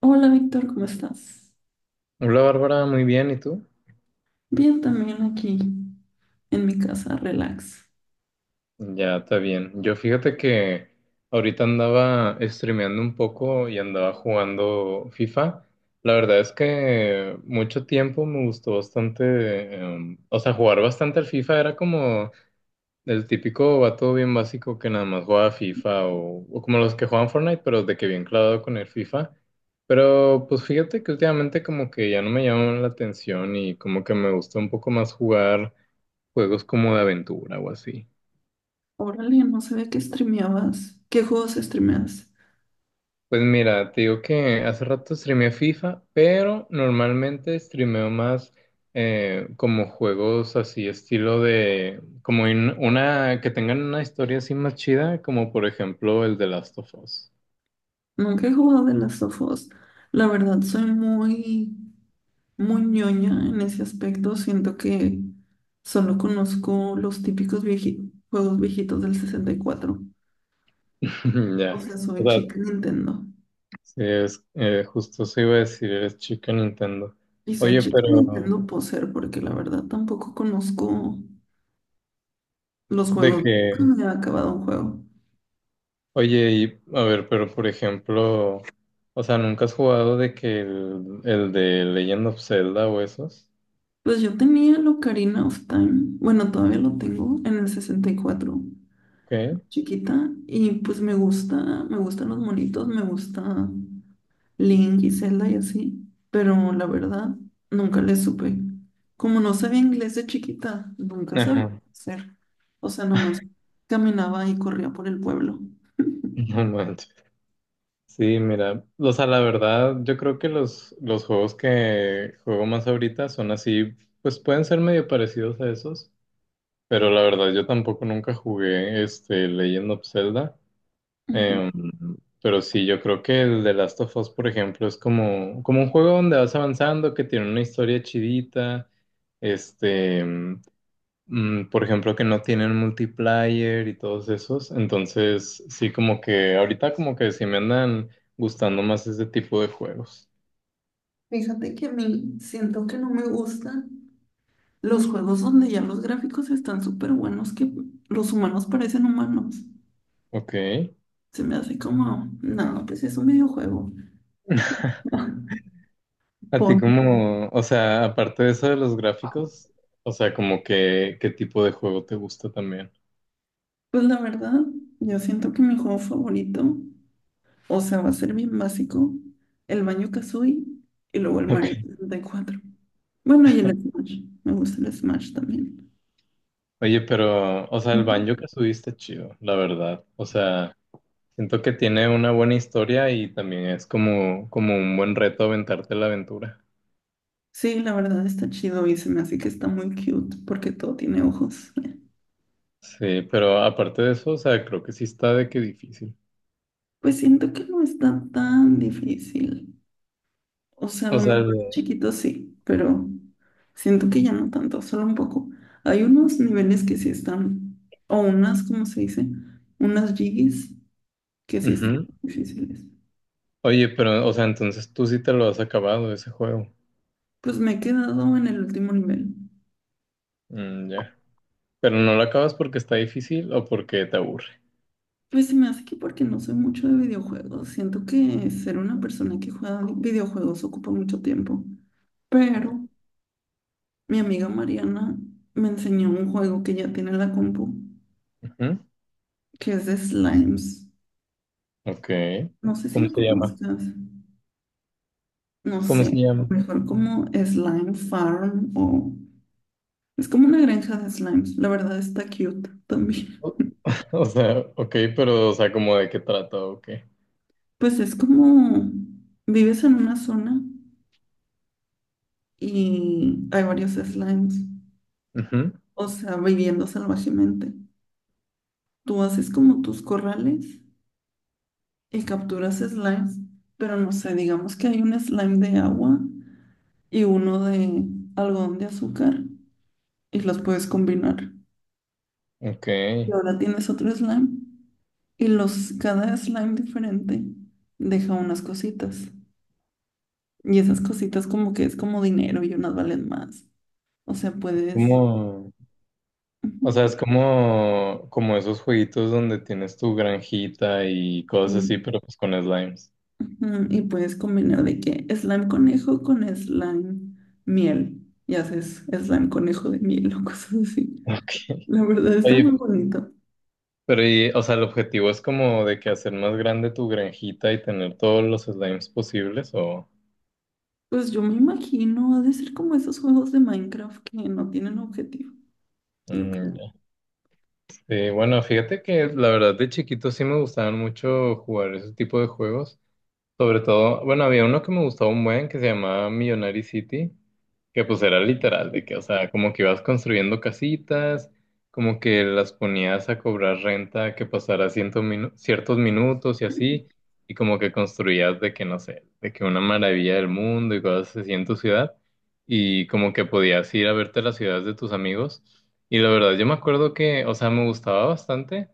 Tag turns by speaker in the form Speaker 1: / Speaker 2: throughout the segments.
Speaker 1: Hola Víctor, ¿cómo estás?
Speaker 2: Hola Bárbara, muy bien, ¿y tú?
Speaker 1: Bien, también aquí en mi casa, relax.
Speaker 2: Ya, está bien. Yo fíjate que ahorita andaba streameando un poco y andaba jugando FIFA. La verdad es que mucho tiempo me gustó bastante, o sea, jugar bastante al FIFA era como el típico vato bien básico que nada más jugaba FIFA o como los que juegan Fortnite, pero de que bien clavado con el FIFA. Pero pues fíjate que últimamente como que ya no me llama la atención y como que me gusta un poco más jugar. Juegos como de aventura o así.
Speaker 1: Órale, no sabía que streameabas. ¿Qué juegos streameas?
Speaker 2: Pues mira, te digo que hace rato streameé FIFA, pero normalmente streameo más como juegos así, estilo de, como una, que tengan una historia así más chida, como por ejemplo el de Last of Us.
Speaker 1: Nunca he jugado de las of Us. La verdad, soy muy, muy ñoña en ese aspecto. Siento que solo conozco los típicos juegos viejitos del 64. O
Speaker 2: Ya.
Speaker 1: sea,
Speaker 2: O
Speaker 1: soy
Speaker 2: sea,
Speaker 1: chica Nintendo.
Speaker 2: sí, es, justo se iba a decir, eres chica Nintendo.
Speaker 1: Y soy
Speaker 2: Oye,
Speaker 1: chica
Speaker 2: pero
Speaker 1: Nintendo poser porque la verdad tampoco conozco los
Speaker 2: de
Speaker 1: juegos.
Speaker 2: qué.
Speaker 1: Nunca me ha acabado un juego.
Speaker 2: Oye, y a ver, pero por ejemplo, o sea, ¿nunca has jugado de que el de Legend of Zelda o esos?
Speaker 1: Pues yo tenía el Ocarina of Time. Bueno, todavía lo tengo en el 64
Speaker 2: ¿Qué?
Speaker 1: chiquita. Y pues me gusta, me gustan los monitos, me gusta Link y Zelda y así. Pero la verdad, nunca le supe. Como no sabía inglés de chiquita, nunca sabía
Speaker 2: Ajá.
Speaker 1: qué hacer. O sea, nomás caminaba y corría por el pueblo.
Speaker 2: No manches. Sí, mira, o sea, la verdad, yo creo que los juegos que juego más ahorita son así, pues pueden ser medio parecidos a esos, pero la verdad yo tampoco nunca jugué este Legend of Zelda.
Speaker 1: Ujú.
Speaker 2: Em, pero sí, yo creo que el de Last of Us, por ejemplo, es como un juego donde vas avanzando, que tiene una historia chidita, este, por ejemplo, que no tienen multiplayer y todos esos. Entonces, sí, como que ahorita como que sí me andan gustando más ese tipo de juegos.
Speaker 1: Fíjate que a mí siento que no me gustan los juegos donde ya los gráficos están súper buenos, que los humanos parecen humanos.
Speaker 2: Ok.
Speaker 1: Se me hace como, no, pues es un videojuego.
Speaker 2: A ti
Speaker 1: Pon,
Speaker 2: como, o sea, aparte de eso de los gráficos, o sea, como que, ¿qué tipo de juego te gusta también?
Speaker 1: pues la verdad, yo siento que mi juego favorito, o sea, va a ser bien básico, el Banjo Kazooie y luego el
Speaker 2: Ok.
Speaker 1: Mario 64. Bueno, y el Smash, me gusta el Smash también.
Speaker 2: Oye, pero, o sea, el
Speaker 1: Ujú.
Speaker 2: banjo que subiste, chido, la verdad. O sea, siento que tiene una buena historia y también es como un buen reto aventarte la aventura.
Speaker 1: Sí, la verdad está chido y se me hace que está muy cute porque todo tiene ojos.
Speaker 2: Sí, pero aparte de eso, o sea, creo que sí está de que difícil.
Speaker 1: Pues siento que no está tan difícil. O sea, a
Speaker 2: O
Speaker 1: lo
Speaker 2: sea,
Speaker 1: mejor chiquito sí, pero siento que ya no tanto, solo un poco. Hay unos niveles que sí están, o unas, ¿cómo se dice? Unas jiggies que sí están
Speaker 2: ujú.
Speaker 1: difíciles.
Speaker 2: Oye, pero, o sea, entonces tú sí te lo has acabado ese juego.
Speaker 1: Pues me he quedado en el último nivel.
Speaker 2: Mm, ya. Pero no lo acabas porque está difícil o porque te aburre.
Speaker 1: Pues se me hace que porque no soy mucho de videojuegos. Siento que ser una persona que juega videojuegos ocupa mucho tiempo. Pero mi amiga Mariana me enseñó un juego que ya tiene en la compu.
Speaker 2: Ujú.
Speaker 1: Que es de slimes.
Speaker 2: Ok.
Speaker 1: No sé si
Speaker 2: ¿Cómo
Speaker 1: lo
Speaker 2: se llama?
Speaker 1: conozcas. No
Speaker 2: ¿Cómo se
Speaker 1: sé, a
Speaker 2: llama?
Speaker 1: lo mejor como Slime Farm o... Es como una granja de slimes. La verdad está cute también.
Speaker 2: O o sea, ok, pero, o sea, ¿como de qué trata? Ok.
Speaker 1: Pues es como... Vives en una zona y hay varios slimes.
Speaker 2: Ujú.
Speaker 1: O sea, viviendo salvajemente. Tú haces como tus corrales y capturas slimes. Pero no sé, digamos que hay un slime de agua y uno de algodón de azúcar y los puedes combinar.
Speaker 2: Ok,
Speaker 1: Y
Speaker 2: es
Speaker 1: ahora tienes otro slime. Y cada slime diferente deja unas cositas. Y esas cositas como que es como dinero y unas valen más. O sea, puedes...
Speaker 2: como,
Speaker 1: Ujú.
Speaker 2: o sea, es como esos jueguitos donde tienes tu granjita y cosas así,
Speaker 1: mm,
Speaker 2: pero pues con slimes.
Speaker 1: Y puedes combinar de que slime conejo con slime miel. Y haces slime conejo de miel o cosas así.
Speaker 2: Ok.
Speaker 1: La verdad está muy
Speaker 2: Oye,
Speaker 1: bonito.
Speaker 2: pero y, o sea, el objetivo es como de que hacer más grande tu granjita y tener todos los slimes posibles o...
Speaker 1: Pues yo me imagino, ha de ser como esos juegos de Minecraft que no tienen objetivo. Yo creo.
Speaker 2: Mm, ya. Sí, bueno, fíjate que la verdad de chiquito sí me gustaban mucho jugar ese tipo de juegos. Sobre todo, bueno, había uno que me gustaba un buen que se llamaba Millionary City, que pues era literal, de que, o sea, como que ibas construyendo casitas, como que las ponías a cobrar renta que pasara ciertos minutos y así, y como que construías de que, no sé, de que una maravilla del mundo y cosas así en tu ciudad, y como que podías ir a verte las ciudades de tus amigos. Y la verdad, yo me acuerdo que, o sea, me gustaba bastante.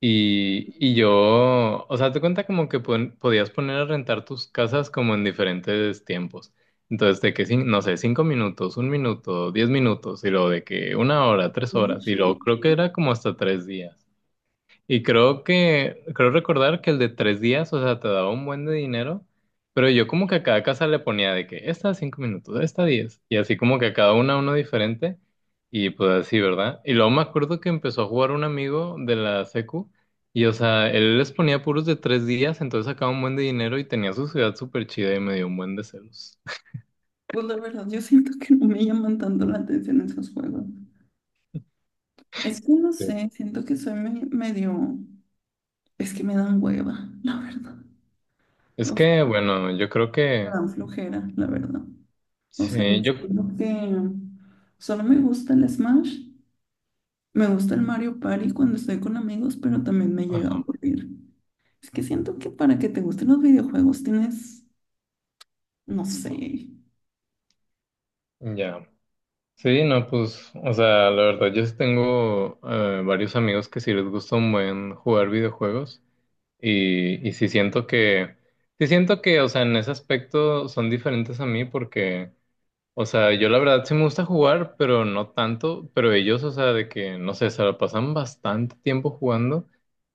Speaker 2: Y yo, o sea, te cuenta como que podías poner a rentar tus casas como en diferentes tiempos. Entonces, de que, no sé, 5 minutos, 1 minuto, 10 minutos, y luego de que 1 hora, tres
Speaker 1: Muy
Speaker 2: horas, y
Speaker 1: chido.
Speaker 2: luego creo que era como hasta 3 días. Y creo recordar que el de 3 días, o sea, te daba un buen de dinero, pero yo como que a cada casa le ponía de que esta 5 minutos, esta 10, y así como que a cada una uno diferente, y pues así, ¿verdad? Y luego me acuerdo que empezó a jugar un amigo de la secu, y o sea, él les ponía puros de 3 días, entonces sacaba un buen de dinero y tenía su ciudad súper chida y me dio un buen de celos.
Speaker 1: Pues la verdad, yo siento que no me llaman tanto la atención esos juegos. Es que no
Speaker 2: Sí.
Speaker 1: sé, siento que soy medio... Es que me dan hueva, la verdad.
Speaker 2: Es
Speaker 1: O sea,
Speaker 2: que, bueno, yo creo
Speaker 1: me
Speaker 2: que,
Speaker 1: dan flojera, la verdad. O sea,
Speaker 2: sí, yo,
Speaker 1: siento que solo me gusta el Smash, me gusta el Mario Party cuando estoy con amigos, pero también me llega a
Speaker 2: ajá,
Speaker 1: aburrir. Es que siento que para que te gusten los videojuegos tienes, no sé.
Speaker 2: ya. Sí, no, pues, o sea, la verdad, yo sí tengo varios amigos que sí les gusta un buen jugar videojuegos y sí siento que, o sea, en ese aspecto son diferentes a mí porque, o sea, yo la verdad sí me gusta jugar, pero no tanto, pero ellos, o sea, de que, no sé, se la pasan bastante tiempo jugando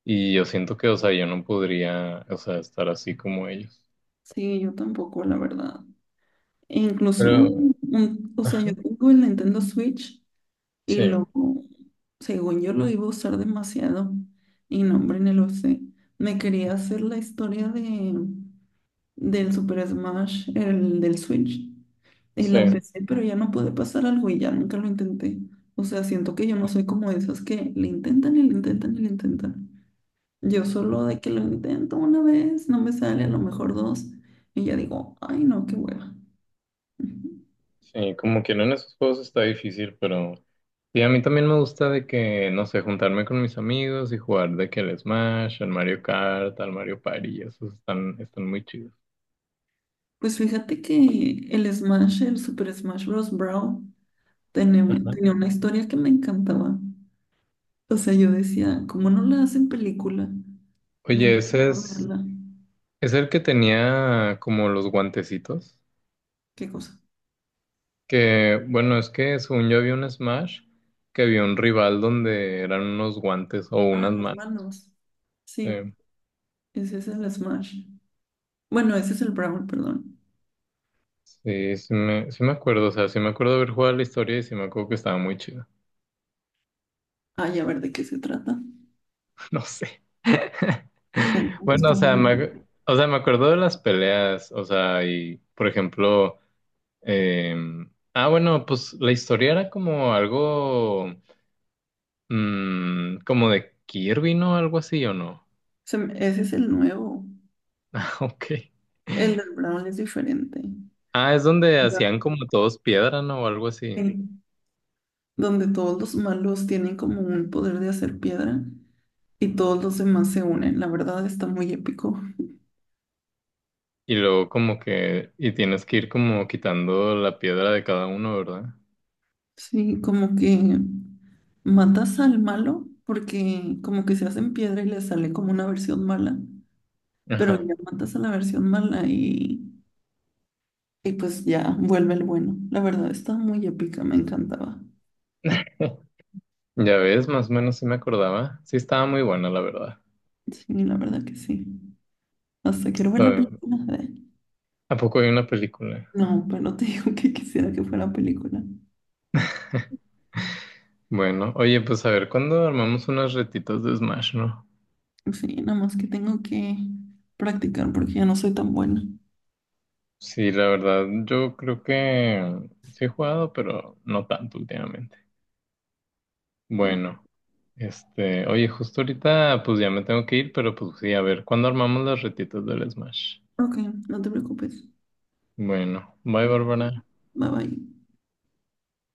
Speaker 2: y yo siento que, o sea, yo no podría, o sea, estar así como ellos.
Speaker 1: Sí, yo tampoco, la verdad. E incluso,
Speaker 2: Pero,
Speaker 1: o sea, yo
Speaker 2: ajá,
Speaker 1: tengo el Nintendo Switch. Y
Speaker 2: sí,
Speaker 1: lo, Según yo, lo iba a usar demasiado. Y no, hombre, ni lo sé. Me quería hacer la historia del Super Smash, el del Switch. Y la
Speaker 2: sí.
Speaker 1: empecé, pero ya no pude pasar algo y ya nunca lo intenté. O sea, siento que yo no soy como esas que le intentan y le intentan y le intentan. Yo solo de que lo intento una vez, no me sale, a lo mejor dos. Y ya digo, ay, no, qué hueva. Ujú.
Speaker 2: Sí, como que no en esos juegos está difícil, pero sí, a mí también me gusta de que, no sé, juntarme con mis amigos y jugar de que el Smash, al Mario Kart, al Mario Party, esos están muy chidos.
Speaker 1: Pues fíjate que el Smash, el Super Smash Bros. Brawl. Tenía,
Speaker 2: Ajá.
Speaker 1: tenía una historia que me encantaba. O sea, yo decía, ¿cómo no la hacen película? Me
Speaker 2: Oye, ese
Speaker 1: encantó
Speaker 2: es,
Speaker 1: verla.
Speaker 2: es el que tenía como los guantecitos,
Speaker 1: ¿Qué cosa?
Speaker 2: que bueno, es que según yo había un Smash, que había un rival donde eran unos guantes o unas
Speaker 1: Ah, las
Speaker 2: manos.
Speaker 1: manos.
Speaker 2: Sí,
Speaker 1: Sí, ese es el Smash. Bueno, ese es el Brawl, perdón.
Speaker 2: sí, sí me acuerdo, o sea, sí me acuerdo haber jugado la historia y sí me acuerdo que estaba muy chido,
Speaker 1: Ay, a ver de qué se trata.
Speaker 2: no sé.
Speaker 1: Eh, Es
Speaker 2: Bueno, o
Speaker 1: como
Speaker 2: sea, o sea, me acuerdo de las peleas, o sea, y por ejemplo, ah, bueno, pues la historia era como algo, como de Kirby, ¿no? Algo así, ¿o no?
Speaker 1: ese es el nuevo.
Speaker 2: Ok.
Speaker 1: El del Brawl es diferente.
Speaker 2: Ah, es donde
Speaker 1: Ya.
Speaker 2: hacían como todos piedra, ¿no? O algo así.
Speaker 1: Sí, donde todos los malos tienen como un poder de hacer piedra y todos los demás se unen. La verdad está muy épico.
Speaker 2: Y luego como que, y tienes que ir como quitando la piedra de cada uno, ¿verdad?
Speaker 1: Sí, como que matas al malo porque como que se hacen piedra y le sale como una versión mala, pero
Speaker 2: Ajá.
Speaker 1: ya matas a la versión mala y pues ya vuelve el bueno. La verdad está muy épica, me encantaba.
Speaker 2: Ya ves, más o menos sí me acordaba. Sí estaba muy buena, la verdad.
Speaker 1: Sí, la verdad que sí. Hasta quiero
Speaker 2: O
Speaker 1: ver la
Speaker 2: sea,
Speaker 1: película de...
Speaker 2: ¿a poco hay una película?
Speaker 1: No, pero te digo que quisiera que fuera película.
Speaker 2: Bueno, oye, pues a ver, ¿cuándo armamos unas retitas de Smash, no?
Speaker 1: Sí, nada más que tengo que practicar porque ya no soy tan buena.
Speaker 2: Sí, la verdad, yo creo que sí he jugado, pero no tanto últimamente. Bueno, este, oye, justo ahorita pues ya me tengo que ir, pero pues sí, a ver, ¿cuándo armamos las retitas del Smash?
Speaker 1: Ok, no te preocupes.
Speaker 2: Bueno, bye, Bárbara.
Speaker 1: Bye bye.